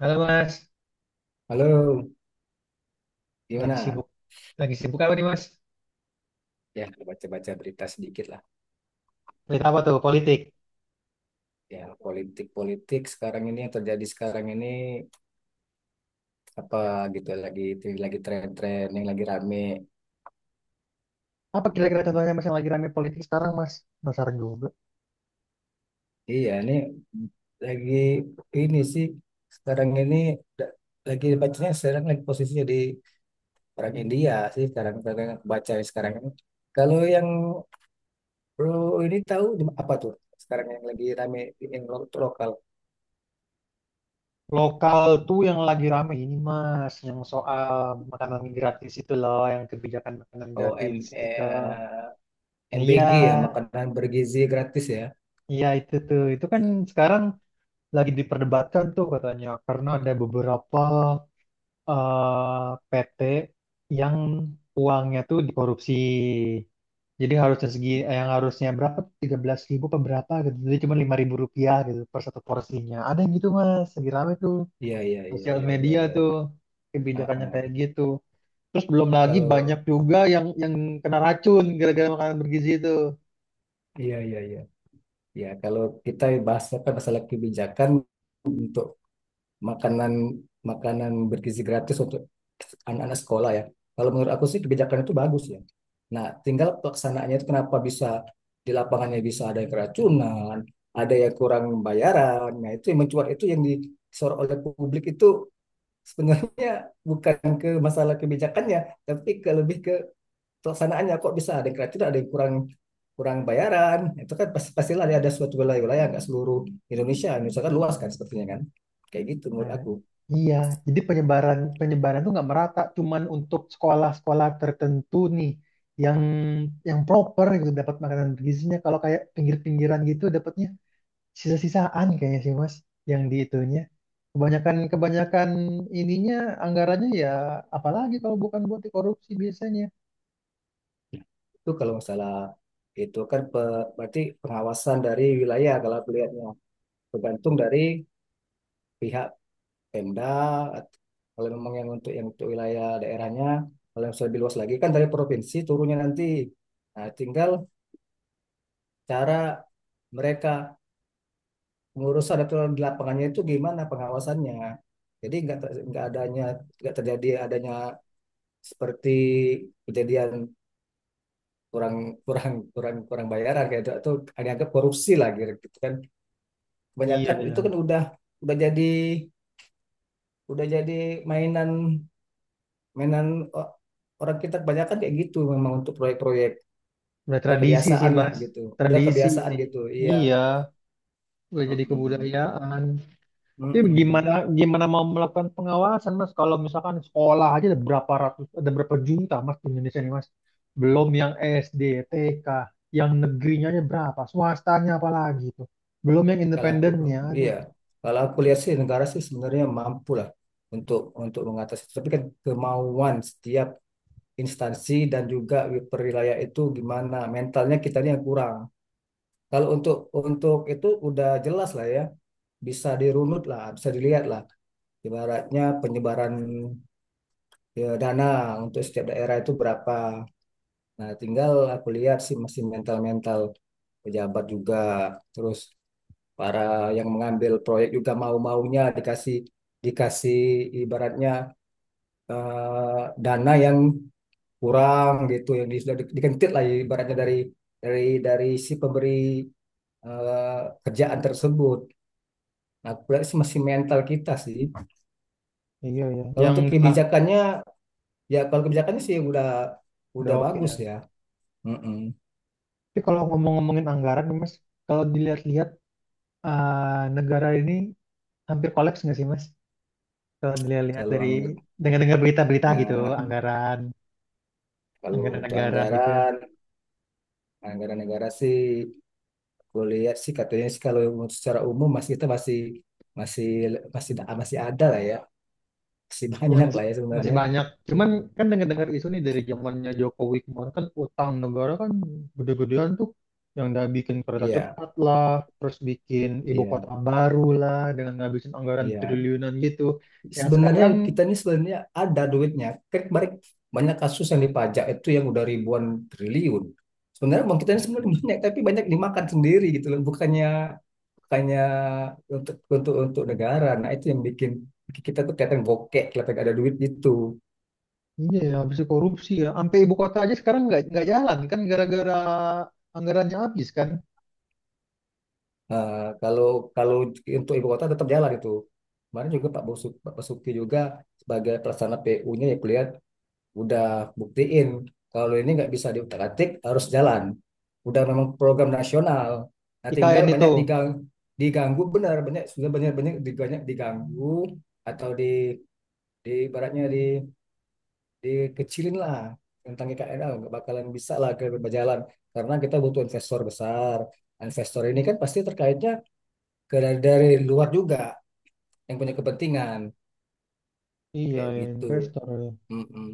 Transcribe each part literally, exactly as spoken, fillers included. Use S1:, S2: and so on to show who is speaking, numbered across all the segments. S1: Halo Mas,
S2: Halo,
S1: lagi
S2: gimana?
S1: sibuk. Lagi sibuk apa nih Mas?
S2: Ya, baca-baca berita sedikit lah.
S1: Berita apa tuh? Politik.
S2: Ya, politik-politik sekarang ini yang terjadi sekarang ini apa gitu lagi lagi tren-tren yang lagi rame.
S1: Apa kira-kira
S2: Mm-mm.
S1: contohnya Mas yang lagi rame politik sekarang Mas? Penasaran juga.
S2: Iya, ini lagi ini sih sekarang ini da- lagi bacanya sekarang lagi posisi di orang India sih sekarang sekarang yang baca sekarang ini. Kalau yang bro ini tahu apa tuh? Sekarang yang lagi rame yang lo- lokal.
S1: Lokal tuh yang lagi rame ini Mas, yang soal makanan gratis itu loh, yang kebijakan makanan
S2: O M
S1: gratis gitu. Iya,
S2: M B G ya, makanan bergizi gratis ya.
S1: iya itu tuh. Itu kan sekarang lagi diperdebatkan tuh katanya, karena ada beberapa eh, P T yang uangnya tuh dikorupsi. Jadi harusnya segi eh, yang harusnya berapa? Tiga belas ribu ribu berapa gitu. Jadi cuma lima ribu rupiah gitu per satu porsinya. Ada yang gitu Mas, lagi rame tuh.
S2: Iya, iya, iya,
S1: Sosial
S2: iya, iya,
S1: media
S2: iya,
S1: tuh
S2: iya. Ah,
S1: kebijakannya
S2: ah.
S1: kayak gitu. Terus belum lagi banyak
S2: Kalau
S1: juga yang yang kena racun gara-gara makanan bergizi itu.
S2: iya, iya, iya. Ya, kalau kita bahas apa masalah kebijakan untuk makanan makanan bergizi gratis untuk anak-anak sekolah ya. Kalau menurut aku sih kebijakan itu bagus ya. Nah, tinggal pelaksanaannya itu kenapa bisa di lapangannya bisa ada yang keracunan, ada yang kurang bayaran. Nah, itu yang mencuat itu yang disorot oleh publik itu sebenarnya bukan ke masalah kebijakannya, tapi ke lebih ke pelaksanaannya kok bisa ada yang kreatif, ada yang kurang kurang bayaran. Itu kan pasti pastilah ada suatu wilayah-wilayah nggak seluruh Indonesia, Indonesia kan luas kan sepertinya kan. Kayak gitu menurut
S1: Nah,
S2: aku.
S1: iya, jadi penyebaran penyebaran tuh nggak merata, cuman untuk sekolah-sekolah tertentu nih yang yang proper gitu dapat makanan bergizinya. Kalau kayak pinggir-pinggiran gitu dapatnya sisa-sisaan kayaknya sih Mas, yang di itunya. Kebanyakan kebanyakan ininya anggarannya ya apalagi kalau bukan buat korupsi biasanya.
S2: Itu kalau masalah itu kan pe- berarti pengawasan dari wilayah kalau aku lihatnya tergantung dari pihak Pemda kalau memang yang untuk yang untuk wilayah daerahnya, kalau yang lebih luas lagi kan dari provinsi turunnya nanti. Nah, tinggal cara mereka mengurus ada aturan di lapangannya itu gimana pengawasannya. Jadi nggak nggak adanya nggak terjadi adanya seperti kejadian kurang kurang kurang kurang bayaran kayak itu atau agak korupsi lah gitu gitu kan.
S1: Iya
S2: Kebanyakan
S1: ya,
S2: itu kan udah udah jadi udah jadi mainan mainan orang kita kebanyakan kayak gitu memang untuk proyek-proyek,
S1: udah
S2: udah
S1: tradisi sih
S2: kebiasaan lah
S1: Mas,
S2: gitu, udah
S1: tradisi
S2: kebiasaan
S1: sih.
S2: gitu iya.
S1: Iya, udah jadi
S2: Mm-mm.
S1: kebudayaan. Tapi
S2: Mm-mm.
S1: gimana gimana mau melakukan pengawasan Mas kalau misalkan sekolah aja ada berapa ratus ada berapa juta Mas di Indonesia nih Mas. Belum yang S D, T K, yang negerinya aja berapa, swastanya apalagi tuh. Belum yang
S2: Kalau aku,
S1: independennya. Aduh,
S2: iya, kalau aku lihat sih negara sih sebenarnya mampu lah untuk untuk mengatasi. Tapi kan kemauan setiap instansi dan juga perwilayah itu gimana mentalnya kita ini yang kurang. Kalau untuk untuk itu udah jelas lah ya, bisa dirunut lah, bisa dilihat lah. Ibaratnya penyebaran ya, dana untuk setiap daerah itu berapa. Nah, tinggal aku lihat sih masih mental-mental pejabat juga terus para yang mengambil proyek juga mau-maunya dikasih dikasih ibaratnya eh, dana yang kurang gitu yang di- sudah di- dikentit lah ibaratnya dari dari dari si pemberi, eh, kerjaan tersebut. Nah, aku masih mental kita sih.
S1: iya ya.
S2: Kalau
S1: Yang
S2: untuk
S1: enggak
S2: kebijakannya, ya kalau kebijakannya sih udah
S1: udah
S2: udah
S1: oke
S2: bagus
S1: ya.
S2: ya. Mm-mm.
S1: Tapi kalau ngomong-ngomongin anggaran nih, Mas, kalau dilihat-lihat eh, negara ini hampir kolaps nggak sih Mas? Kalau dilihat-lihat
S2: Kalau
S1: dari
S2: angg-
S1: dengar-dengar berita-berita gitu,
S2: nah,
S1: anggaran
S2: kalau
S1: anggaran
S2: untuk
S1: negara gitu.
S2: anggaran anggaran negara sih, gue lihat sih katanya sih kalau secara umum masih kita masih masih masih masih ada lah ya, masih
S1: Ya
S2: banyak
S1: masih
S2: lah ya
S1: masih
S2: sebenarnya.
S1: banyak. Cuman kan dengar-dengar isu nih dari zamannya Jokowi kemarin kan utang negara kan gede-gedean tuh yang udah bikin kereta
S2: Iya,
S1: cepat lah, terus bikin ibu
S2: iya,
S1: kota baru lah dengan ngabisin anggaran
S2: iya.
S1: triliunan gitu. Yang
S2: Sebenarnya
S1: sekarang
S2: kita ini sebenarnya ada duitnya. Kan banyak banyak kasus yang dipajak itu yang udah ribuan triliun. Sebenarnya uang kita ini sebenarnya banyak, tapi banyak dimakan sendiri gitu loh. Bukannya bukannya untuk untuk untuk negara. Nah itu yang bikin kita tuh kelihatan bokek, kelihatan gak ada duit gitu.
S1: iya ya habis korupsi ya. Sampai ibu kota aja sekarang nggak nggak jalan kan gara-gara anggarannya habis kan.
S2: Nah, kalau kalau untuk ibu kota tetap jalan itu. Kemarin juga Pak Basuki, Pak Basuki juga sebagai pelaksana P U-nya ya kulihat udah buktiin kalau ini nggak bisa diutak-atik, harus jalan. Udah memang program nasional. Nah, tinggal
S1: I K N itu.
S2: banyak digang, diganggu benar, banyak sudah banyak banyak di- banyak diganggu atau di di baratnya di dikecilin lah tentang I K N, ah nggak bakalan bisa lah ke berjalan karena kita butuh investor besar, investor ini kan pasti terkaitnya ke dari, dari luar juga yang punya kepentingan
S1: Iya
S2: kayak
S1: ya
S2: gitu.
S1: investor ya.
S2: Mm-mm.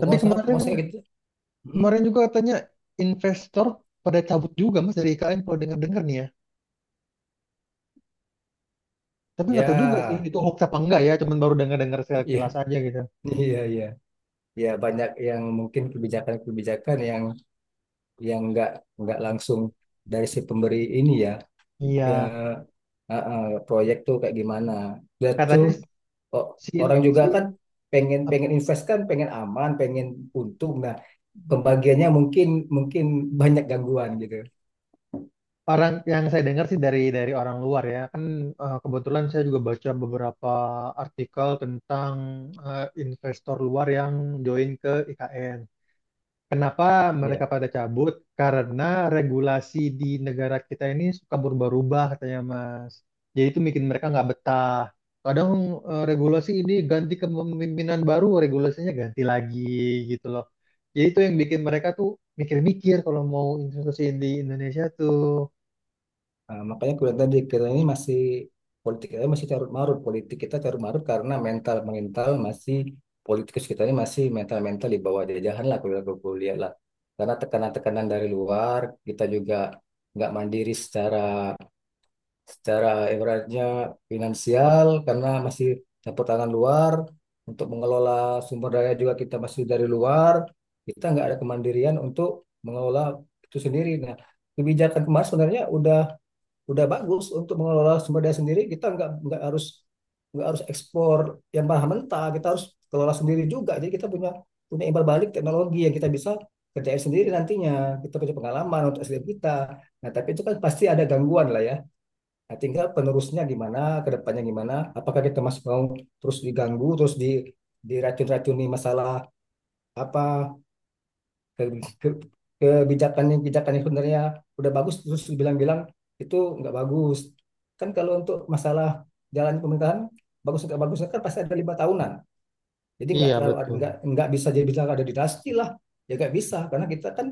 S1: Tapi kemarin
S2: pengusaha gitu. Mm.
S1: kemarin juga katanya investor pada cabut juga Mas dari I K N kalau dengar-dengar nih ya. Tapi nggak tahu juga sih
S2: Ya,
S1: itu hoax apa enggak ya, cuman baru dengar-dengar sekilas
S2: iya,
S1: aja gitu.
S2: iya, iya. Ya banyak yang mungkin kebijakan-kebijakan yang yang nggak nggak langsung dari si pemberi ini ya. Ya
S1: Iya,
S2: uh, uh, proyek tuh kayak gimana. Dan tuh
S1: katanya
S2: o-
S1: si
S2: orang juga
S1: si
S2: kan pengen
S1: ap-
S2: pengen invest kan, pengen aman, pengen untung, nah pembagiannya mungkin mungkin banyak gangguan gitu.
S1: orang yang saya dengar sih dari dari orang luar ya. Kan eh, kebetulan saya juga baca beberapa artikel tentang eh, investor luar yang join ke I K N. Kenapa
S2: Ya.
S1: mereka pada cabut? Karena regulasi di negara kita ini suka berubah-ubah katanya Mas. Jadi itu bikin mereka nggak betah. Kadang eh, regulasi ini ganti kepemimpinan baru, regulasinya ganti lagi gitu loh. Jadi itu yang bikin mereka tuh mikir-mikir kalau mau investasi di Indonesia tuh.
S2: Nah, makanya aku bilang tadi kita ini masih politik kita masih carut marut, politik kita carut marut karena mental mental masih, politikus kita ini masih mental mental di bawah jajahan lah kalau aku bilang- aku lihat lah, karena tekanan-tekanan dari luar kita juga nggak mandiri secara secara ibaratnya finansial karena masih campur tangan luar untuk mengelola sumber daya juga kita masih dari luar, kita nggak ada kemandirian untuk mengelola itu sendiri. Nah, kebijakan kemarin sebenarnya udah udah bagus untuk mengelola sumber daya sendiri, kita nggak nggak harus nggak harus ekspor yang bahan mentah, kita harus kelola sendiri juga jadi kita punya punya imbal balik teknologi yang kita bisa kerjain sendiri, nantinya kita punya pengalaman untuk S D M kita. Nah tapi itu kan pasti ada gangguan lah ya. Nah, tinggal penerusnya gimana, kedepannya gimana, apakah kita masih mau terus diganggu, terus di diracun-racuni masalah apa ke- ke- kebijakannya. Kebijakannya sebenarnya udah bagus, terus bilang-bilang itu nggak bagus. Kan kalau untuk masalah jalan pemerintahan bagus nggak bagusnya kan pasti ada lima tahunan, jadi nggak
S1: Iya
S2: terlalu
S1: betul.
S2: nggak nggak bisa jadi bilang ada dinasti lah. Ya nggak bisa karena kita kan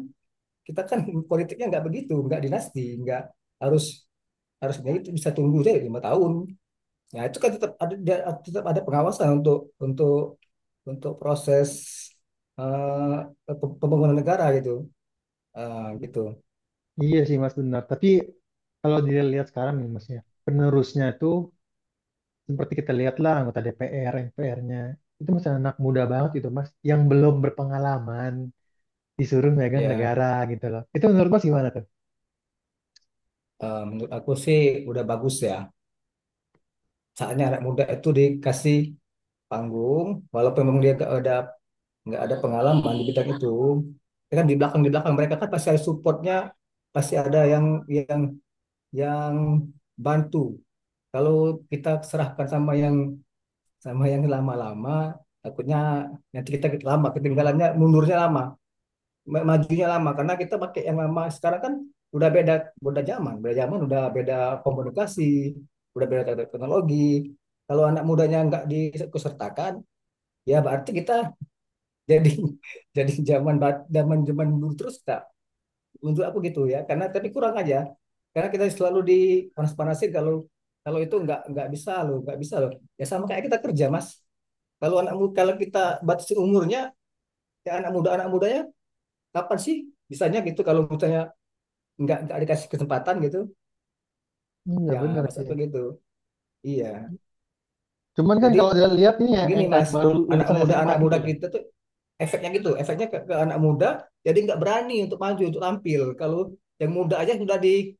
S2: kita kan politiknya nggak begitu, nggak dinasti, nggak harus harusnya itu bisa tunggu deh lima tahun. Ya itu kan tetap ada dia- tetap ada pengawasan untuk untuk untuk proses eh, pe- pembangunan negara gitu. Eh, gitu
S1: Iya sih Mas benar. Tapi kalau dilihat sekarang nih Mas ya, penerusnya tuh seperti kita lihatlah anggota D P R, M P R-nya itu masih anak muda banget gitu mas, yang belum berpengalaman disuruh megang
S2: ya.
S1: negara gitu loh. Itu menurut mas gimana tuh?
S2: Eh, menurut aku sih udah bagus ya, saatnya anak muda itu dikasih panggung, walaupun memang dia gak ada nggak ada pengalaman di bidang itu. Ya kan di belakang di belakang mereka kan pasti ada supportnya, pasti ada yang yang yang bantu kalau kita serahkan sama yang sama yang lama-lama takutnya nanti kita lama ketinggalannya, mundurnya lama, ma- majunya lama karena kita pakai yang lama. Sekarang kan udah beda, beda zaman beda zaman, udah beda komunikasi, udah beda teknologi. Kalau anak mudanya nggak dikusertakan ya berarti kita jadi jadi zaman ba- zaman zaman dulu terus, tak untuk aku gitu ya, karena tapi kurang aja karena kita selalu dipanas-panasin kalau kalau itu nggak nggak bisa loh, nggak bisa loh. Ya sama kayak kita kerja, Mas, kalau anak mu- kalau kita batasi umurnya, ya anak muda, anak mudanya kapan sih bisanya gitu kalau misalnya nggak nggak dikasih kesempatan gitu.
S1: Ini nggak
S2: Ya
S1: bener
S2: Mas,
S1: sih.
S2: apa gitu, iya.
S1: Cuman kan
S2: Jadi
S1: kalau kita lihat nih ya,
S2: gini,
S1: yang kayak
S2: Mas,
S1: baru
S2: anak
S1: lulusan
S2: muda
S1: S M A
S2: anak
S1: gitu
S2: muda
S1: loh.
S2: kita tuh efeknya gitu, efeknya ke, ke anak muda jadi nggak berani untuk maju, untuk tampil. Kalau yang muda aja sudah di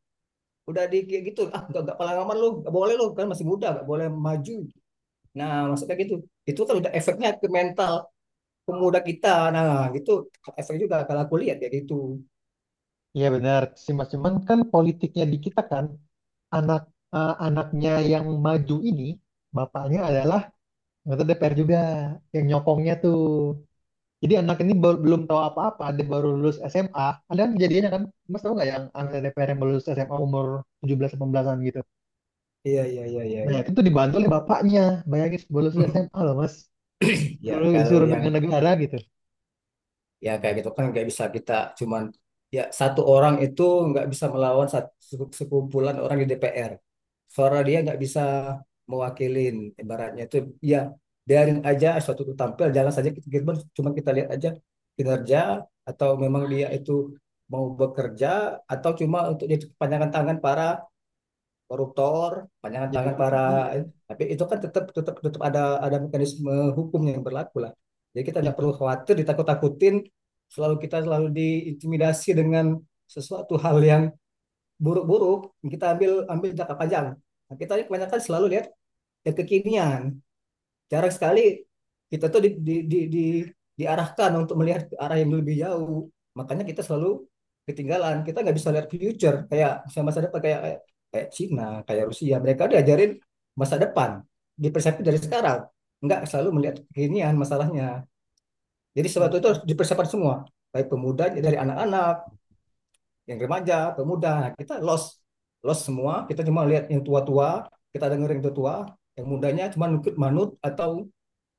S2: udah di kayak gitu, ah nggak nggak pengalaman lu, nggak boleh lu kan masih muda, nggak boleh maju. Nah maksudnya gitu, itu kan udah efeknya ke mental pemuda kita. Nah, gitu. Efek juga kalau aku lihat kayak gitu.
S1: Iya benar sih mas, cuman kan politiknya di kita kan anak eh, anaknya yang maju ini bapaknya adalah anggota D P R juga yang nyokongnya tuh. Jadi anak ini bel- belum tahu apa-apa, dia baru lulus S M A. Ada kan kejadiannya kan, Mas tahu nggak yang anak D P R yang baru lulus S M A umur tujuh belas delapan belasan gitu.
S2: Iya, iya, iya, iya,
S1: Nah
S2: iya.
S1: itu tuh dibantu oleh bapaknya. Bayangin baru lulus S M A loh Mas. Dulu
S2: Ya kalau
S1: disuruh
S2: yang
S1: megang negara gitu.
S2: ya kayak gitu kan nggak bisa kita, cuman ya satu orang itu nggak bisa melawan sat- se- sekumpulan orang di D P R, suara dia nggak bisa mewakilin ibaratnya itu. Ya biarin aja suatu itu tampil, jalan saja kita, kita- cuman kita lihat aja kinerja, atau memang dia itu mau bekerja atau cuma untuk jadi kepanjangan tangan para koruptor, panjangan
S1: Jadi
S2: tangan para,
S1: iya.
S2: eh, tapi itu kan tetap tetap tetap ada ada mekanisme hukum yang berlaku lah. Jadi kita nggak
S1: Jadi,
S2: perlu khawatir ditakut-takutin, selalu kita selalu diintimidasi dengan sesuatu hal yang buruk-buruk. Kita ambil ambil jangka panjang. Nah, kita ini kebanyakan selalu lihat yang kekinian. Jarang sekali kita tuh di, di, di, di, diarahkan untuk melihat ke arah yang lebih jauh. Makanya kita selalu ketinggalan. Kita nggak bisa lihat future kayak masa depan kayak kayak, kayak Cina, kayak Rusia. Mereka diajarin masa depan, dipersiapkan dari sekarang. Nggak selalu melihat kekinian masalahnya. Jadi sesuatu itu
S1: hmm,
S2: harus dipersiapkan semua. Baik pemuda dari anak-anak, yang remaja, pemuda. Nah, kita lost lost semua. Kita cuma lihat yang tua-tua, kita dengerin yang tua-tua, yang mudanya cuma nukut manut atau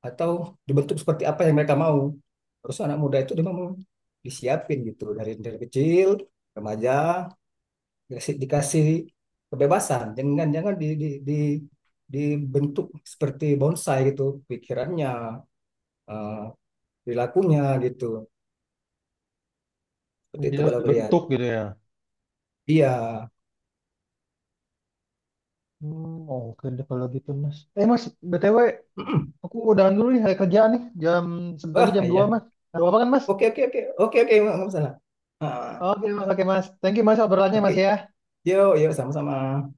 S2: atau dibentuk seperti apa yang mereka mau. Terus anak muda itu dia mau disiapin gitu dari dari kecil remaja, dikasih, dikasih kebebasan, jangan jangan di, di, di dibentuk seperti bonsai gitu pikirannya, eh, perilakunya gitu. Seperti
S1: jadi
S2: itu
S1: harus
S2: kalau lihat,
S1: dibentuk gitu ya.
S2: iya.
S1: Hmm, oke deh kalau gitu Mas. Eh Mas, B T W aku udahan dulu nih hari kerja nih. Jam sebentar lagi
S2: Wah
S1: jam dua,
S2: iya.
S1: Mas. Ada apa kan Mas?
S2: Oke, oke, oke, oke, oke, nggak masalah. Ah,
S1: Oke Mas, oke Mas. Thank you Mas obrolannya
S2: oke.
S1: Mas ya.
S2: Yuk yuk, sama-sama.